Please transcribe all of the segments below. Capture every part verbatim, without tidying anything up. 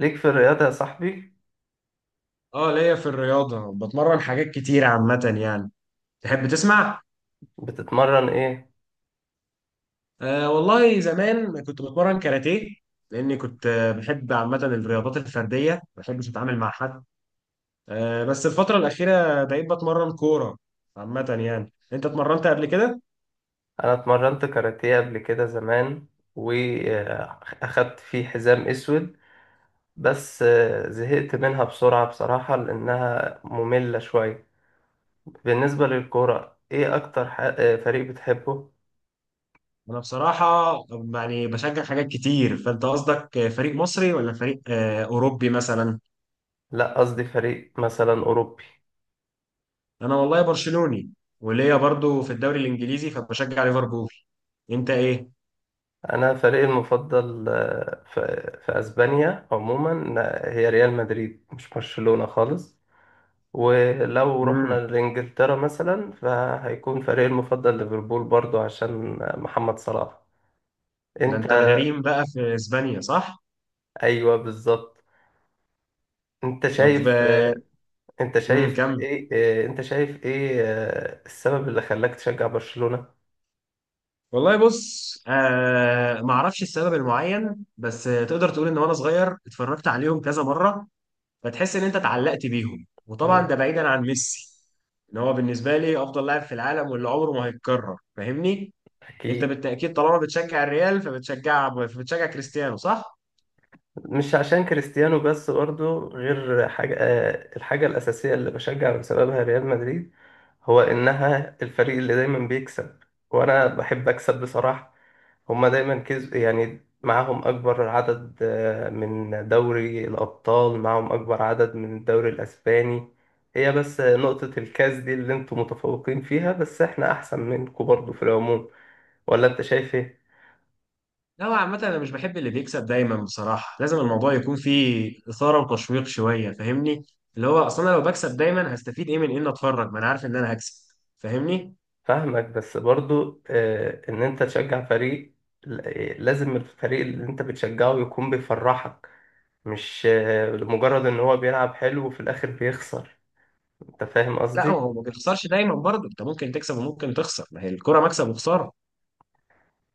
ليك في الرياضة يا صاحبي. اه، ليا في الرياضة بتمرن حاجات كتير عامة يعني. تحب تسمع؟ بتتمرن ايه؟ آه، والله زمان كنت بتمرن كاراتيه. لأني كنت آه، بحب عامة الرياضات الفردية، ما بحبش أتعامل مع حد. آه بس الفترة الأخيرة بقيت بتمرن كورة. عامة يعني أنت اتمرنت قبل كده؟ انا اتمرنت كاراتيه قبل كده زمان، واخدت فيه حزام اسود. بس آه، زهقت منها بسرعة بصراحة لانها مملة شوية. بالنسبة للكورة، ايه اكتر ح- آه، فريق بتحبه؟ أنا بصراحة يعني بشجع حاجات كتير. فأنت قصدك آه، فريق مصري ولا فريق آه أوروبي مثلا؟ لا، قصدي فريق مثلا اوروبي. أنا والله برشلوني، وليا برضو في الدوري الإنجليزي فبشجع ليفربول. أنت إيه؟ انا فريقي المفضل آه، في في اسبانيا عموما آه، هي ريال مدريد، مش برشلونة خالص. ولو رحنا مم. لإنجلترا مثلا، فهيكون فريقي المفضل ليفربول برضو عشان محمد صلاح. ده انت انت الغريم بقى في اسبانيا صح؟ ايوه بالظبط. انت طب شايف آه، انت امم شايف كمل. ايه انت شايف ايه آه، السبب اللي خلاك تشجع برشلونة؟ والله بص، آه ما اعرفش السبب المعين، بس آه، تقدر تقول ان وانا صغير اتفرجت عليهم كذا مره. فتحس ان انت اتعلقت بيهم، وطبعا مم. ده بعيدا عن ميسي. ان هو بالنسبه لي افضل لاعب في العالم واللي عمره ما هيتكرر، فاهمني؟ انت اكيد بالتاكيد طالما بتشجع الريال فبتشجع فبتشجع كريستيانو صح؟ مش عشان كريستيانو بس، برضه غير حاجة. آه، الحاجة الأساسية اللي بشجع بسببها ريال مدريد، هو إنها الفريق اللي دايما بيكسب، وأنا بحب أكسب بصراحة. هما دايما كسب، يعني معاهم أكبر عدد آه، من دوري الأبطال، معاهم أكبر عدد من الدوري الأسباني. هي بس نقطة الكاس دي اللي انتوا متفوقين فيها، بس احنا أحسن منكم برضه في العموم. ولا انت شايف إيه؟ لا، هو عامة أنا مش بحب اللي بيكسب دايما بصراحة. لازم الموضوع يكون فيه إثارة وتشويق شوية، فاهمني؟ اللي هو أصلا أنا لو بكسب دايما هستفيد إيه من إن أتفرج؟ ما أنا عارف إن أنا هكسب، فاهمني؟ فاهمك، بس برضو آه، ان انت تشجع فريق، ل- آه، لازم الفريق اللي انت بتشجعه يكون بيفرحك. مش آه، لمجرد ان هو بيلعب حلو وفي الاخر بيخسر. انت فاهم لا، قصدي. هو ما بتخسرش دايما برضه، أنت ممكن تكسب وممكن تخسر. ما هي الكرة مكسب وخسارة.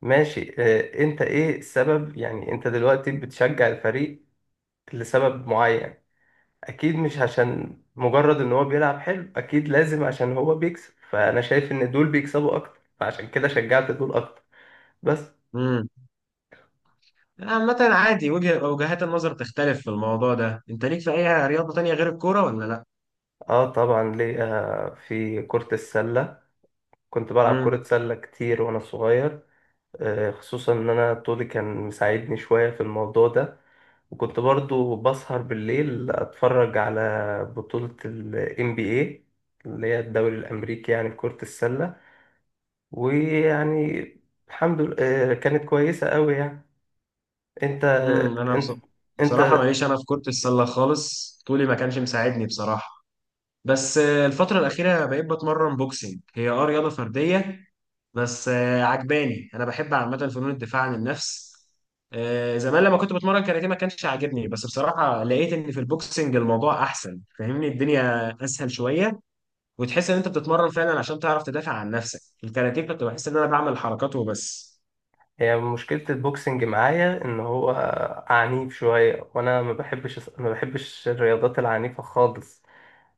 ماشي آه، انت ايه السبب؟ يعني انت دلوقتي بتشجع الفريق لسبب معين. اكيد مش عشان مجرد ان هو بيلعب حلو، اكيد لازم عشان هو بيكسب، فانا شايف ان دول بيكسبوا اكتر، فعشان كده شجعت دول اكتر. بس امم عامة عادي وجه وجهات النظر تختلف في الموضوع ده. أنت ليك في أي رياضة تانية غير الكورة ولا لا؟ اه طبعا ليه آه، في كرة السلة. كنت بلعب كرة امم سلة كتير وأنا صغير. آه، خصوصا إن أنا طولي كان مساعدني شوية في الموضوع ده. وكنت برضو بسهر بالليل أتفرج على بطولة ال إن بي إيه، اللي هي الدوري الأمريكي، يعني في كرة السلة. ويعني الحمد لله آه، كانت كويسة أوي يعني. أنت امم أنا أنت بص- بصراحة أنت ماليش أنا في كرة السلة خالص، طولي ما كانش مساعدني بصراحة. بس آه، الفترة الأخيرة بقيت بتمرن بوكسينج، هي اه رياضة فردية. بس آه، عجباني، أنا بحب عامة فنون الدفاع عن النفس. آه، زمان لما كنت بتمرن كاراتيه ما كانش عاجبني، بس بصراحة لقيت إن في البوكسينج الموضوع أحسن، فاهمني؟ الدنيا أسهل شوية وتحس إن أنت بتتمرن فعلا عشان تعرف تدافع عن نفسك. الكاراتيه كنت بحس إن أنا بعمل حركات وبس. هي مشكلة البوكسنج معايا إن هو عنيف شوية، وأنا ما بحبش ما بحبش الرياضات العنيفة خالص،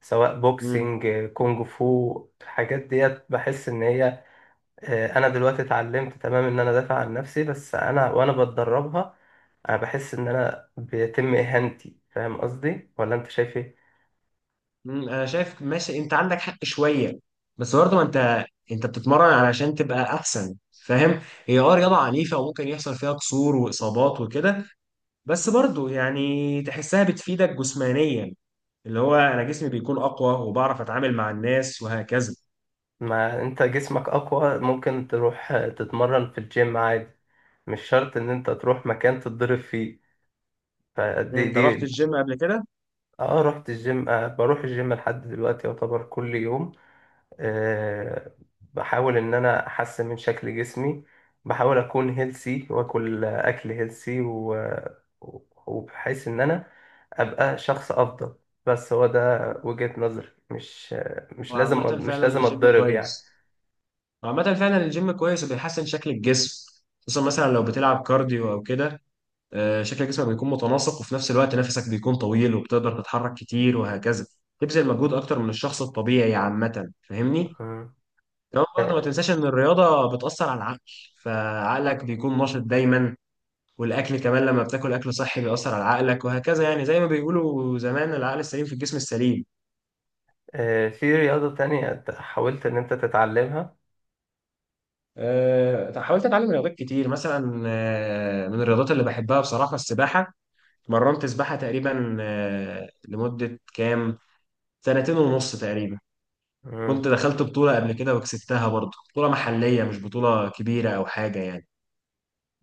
سواء مم. بوكسينج، كونج فو. الحاجات ديت بحس ان هي آه، انا دلوقتي اتعلمت تمام ان انا ادافع عن نفسي، بس انا وانا بتدربها انا بحس ان انا بيتم اهانتي. فاهم قصدي ولا انت شايف ايه؟ مم، انا شايف، ماشي انت عندك حق شويه. بس برضه ما انت انت بتتمرن علشان تبقى احسن، فاهم؟ هي اه رياضه عنيفه وممكن يحصل فيها كسور واصابات وكده، بس برضه يعني تحسها بتفيدك جسمانيا. اللي هو انا جسمي بيكون اقوى وبعرف اتعامل مع الناس وهكذا. ما انت جسمك اقوى، ممكن تروح آه، تتمرن في الجيم عادي. مش شرط ان انت تروح مكان تتضرب فيه. فدي انت رحت دي الجيم قبل كده؟ اه رحت الجيم، آه بروح الجيم لحد دلوقتي يعتبر كل يوم. آه، بحاول ان انا احسن من شكل جسمي. بحاول اكون هيلسي واكل اكل هيلسي و... وبحيث ان انا ابقى شخص افضل. بس هو ده وجهة نظري. مش مش لازم وعامه مش فعلا لازم الجيم اتضرب يعني. كويس وعامه فعلا الجيم كويس وبيحسن شكل الجسم. خصوصا مثلا لو بتلعب كارديو او كده، آه، شكل جسمك بيكون متناسق، وفي نفس الوقت نفسك بيكون طويل وبتقدر تتحرك كتير وهكذا. تبذل مجهود اكتر من الشخص الطبيعي عامة، فاهمني؟ مم. كمان برضه ما آه، تنساش ان الرياضة بتأثر على العقل، فعقلك بيكون نشط دايما. والاكل كمان لما بتاكل اكل صحي بيأثر على عقلك وهكذا، يعني زي ما بيقولوا زمان، العقل السليم في الجسم السليم. آه، في رياضة تانية حاولت ان انت تتعلمها؟ أه، حاولت اتعلم رياضات كتير. مثلا آه، من الرياضات اللي بحبها بصراحة، السباحة. مرنت سباحة تقريبا آه، لمدة كام، سنتين ونص تقريبا. كنت مم. دخلت بطولة قبل كده وكسبتها برضه، بطولة محلية مش بطولة كبيرة أو حاجة يعني.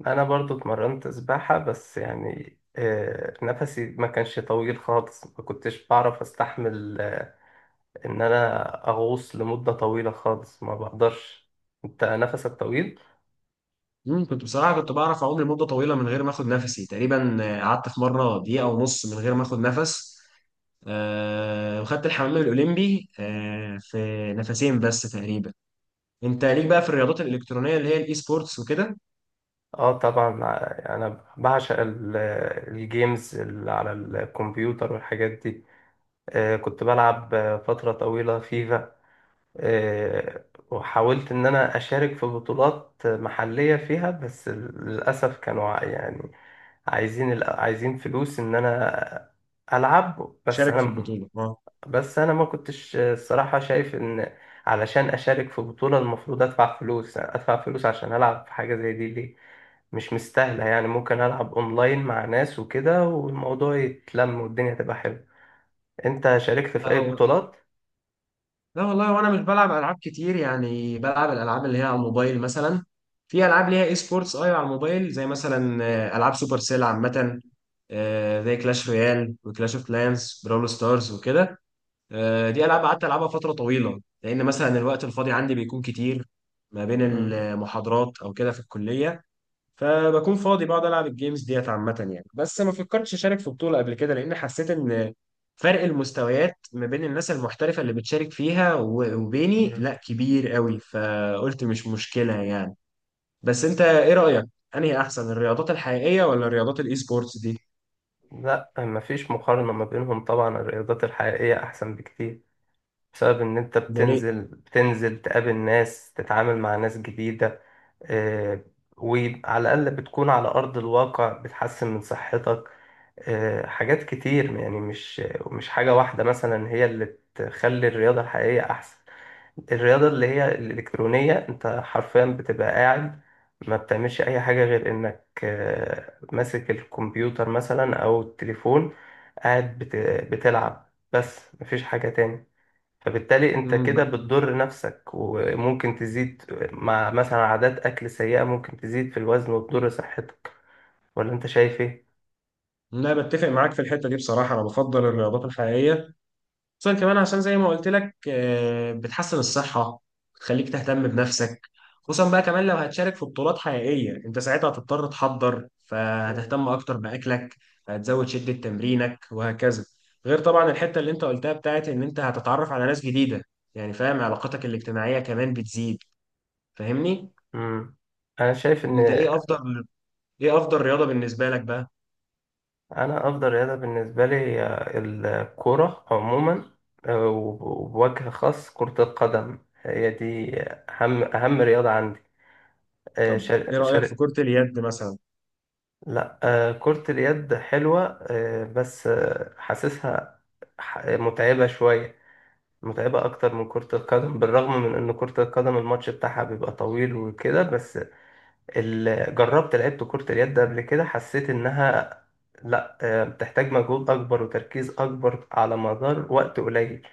انا برضو اتمرنت سباحة، بس يعني آه، نفسي ما كانش طويل خالص، ما كنتش بعرف استحمل ان انا اغوص لمدة طويلة خالص، ما بقدرش. انت نفسك طويل. مم، كنت بصراحة كنت بعرف أعوم لمدة طويلة من غير ما آخد نفسي. تقريبا آه، قعدت في مرة دقيقة ونص من غير ما آخد نفس. آه، وخدت الحمام الأولمبي آه، في نفسين بس تقريبا. أنت ليك بقى في الرياضات الإلكترونية اللي هي الإي سبورتس وكده؟ اه طبعا ع- انا بعشق ال- الجيمز اللي على الكمبيوتر والحاجات دي. آه، كنت بلعب آه، فترة طويلة فيفا. آه، وحاولت ان انا اشارك في بطولات محلية فيها، بس للاسف كانوا ع- يعني عايزين ال- عايزين فلوس ان انا العب. بس شارك في انا البطولة. بس انا ما كنتش الصراحه شايف ان علشان اشارك في بطوله المفروض ادفع فلوس، ادفع فلوس عشان العب في حاجه زي دي ليه؟ مش مستاهله يعني. ممكن العب اونلاين مع ناس وكده، والموضوع يتلم والدنيا تبقى حلوه. انت شاركت في اي اه، بطولات؟ لا والله، وانا مش بلعب العاب كتير يعني. بلعب الالعاب اللي هي على الموبايل مثلا. في العاب ليها اي سبورتس، ايوه على الموبايل، زي مثلا آه، العاب سوبر سيل عامه، آه، زي كلاش رويال وكلاش اوف كلانس براول ستارز وكده. آه، دي العاب قعدت العبها فتره طويله لان مثلا الوقت الفاضي عندي بيكون كتير. ما بين مم. المحاضرات او كده في الكليه، فبكون فاضي بقعد العب الجيمز ديت عامه يعني. بس ما فكرتش اشارك في بطوله قبل كده لان حسيت ان فرق المستويات ما بين الناس المحترفه اللي بتشارك فيها و- وبيني مم. لا كبير قوي، فقلت مش مشكله يعني. بس انت ايه رايك، انهي احسن، الرياضات الحقيقيه ولا رياضات الاي سبورتس دي؟ لا، مفيش مقارنه ما بينهم. طبعا الرياضات الحقيقيه احسن بكتير، بسبب ان انت ده ليه؟ بتنزل بتنزل تقابل ناس، تتعامل مع ناس جديده. آه، وعلى الأقل بتكون على أرض الواقع، بتحسن من صحتك. آه، حاجات كتير يعني. مش مش حاجة واحدة مثلا هي اللي تخلي الرياضة الحقيقية أحسن. الرياضة اللي هي الإلكترونية، أنت حرفيا بتبقى قاعد، ما بتعملش أي حاجة غير إنك آه، ماسك الكمبيوتر مثلا أو التليفون، قاعد بت- بتلعب بس، مفيش حاجة تاني. فبالتالي انت كده امم بتضر نفسك، وممكن تزيد مع مثلا عادات اكل سيئة، ممكن تزيد في الوزن وتضر صحتك. ولا انت شايف ايه؟ لا، بتفق معاك في الحته دي بصراحه، انا بفضل الرياضات الحقيقيه. خصوصا كمان عشان زي ما قلت لك، آه، بتحسن الصحة، بتخليك تهتم بنفسك. خصوصا بقى كمان لو هتشارك في بطولات حقيقية انت ساعتها هتضطر تحضر، مم. فهتهتم اكتر بأكلك. هتزود شدة تمرينك وهكذا. غير طبعا الحتة اللي انت قلتها بتاعت ان انت هتتعرف على ناس جديدة، يعني فاهم؟ علاقاتك الاجتماعية كمان بتزيد، فاهمني؟ مم. انا شايف ان انت ايه افضل ايه افضل رياضة بالنسبة لك بقى؟ انا افضل رياضة بالنسبة لي هي الكرة عموما. آه، وب- وبوجه خاص كرة القدم، هي دي اهم اهم رياضة عندي. آه، طب ايه شر... رأيك في شر... كرة اليد مثلا؟ لا آه، كرة اليد حلوة آه، بس آه، حاسسها ح- متعبة شوية، متعبة أكتر من كرة القدم، بالرغم من إن كرة القدم الماتش بتاعها بيبقى طويل وكده. بس ال... جربت لعبت كرة اليد ده قبل كده، حسيت إنها، لأ آه، بتحتاج مجهود أكبر وتركيز أكبر على مدار وقت قليل.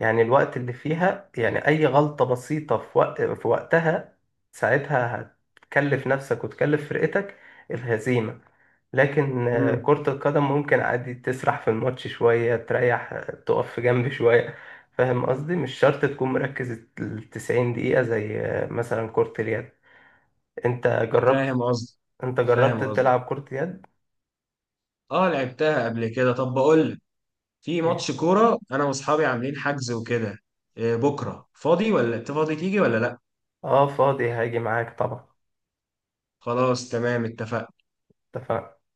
يعني الوقت اللي فيها، يعني أي غلطة بسيطة في وقت، في وقتها، ساعتها هتكلف نفسك وتكلف فرقتك الهزيمة. لكن آه، امم. كرة القدم ممكن عادي تسرح في الماتش شوية، تريح، آه، تقف في جنب شوية. فاهم قصدي، مش شرط تكون مركز التسعين دقيقة زي آه، مثلا كرة اليد. انت جربت فاهم قصدي. انت فاهم جربت قصدي. تلعب كرة يد؟ اه، لعبتها قبل كده. طب بقول لك، في ايه ماتش كورة انا واصحابي عاملين حجز وكده. إيه، بكرة فاضي ولا انت فاضي تيجي ولا لا؟ اه فاضي، هاجي معاك طبعا. خلاص تمام، اتفقنا. اتفقنا.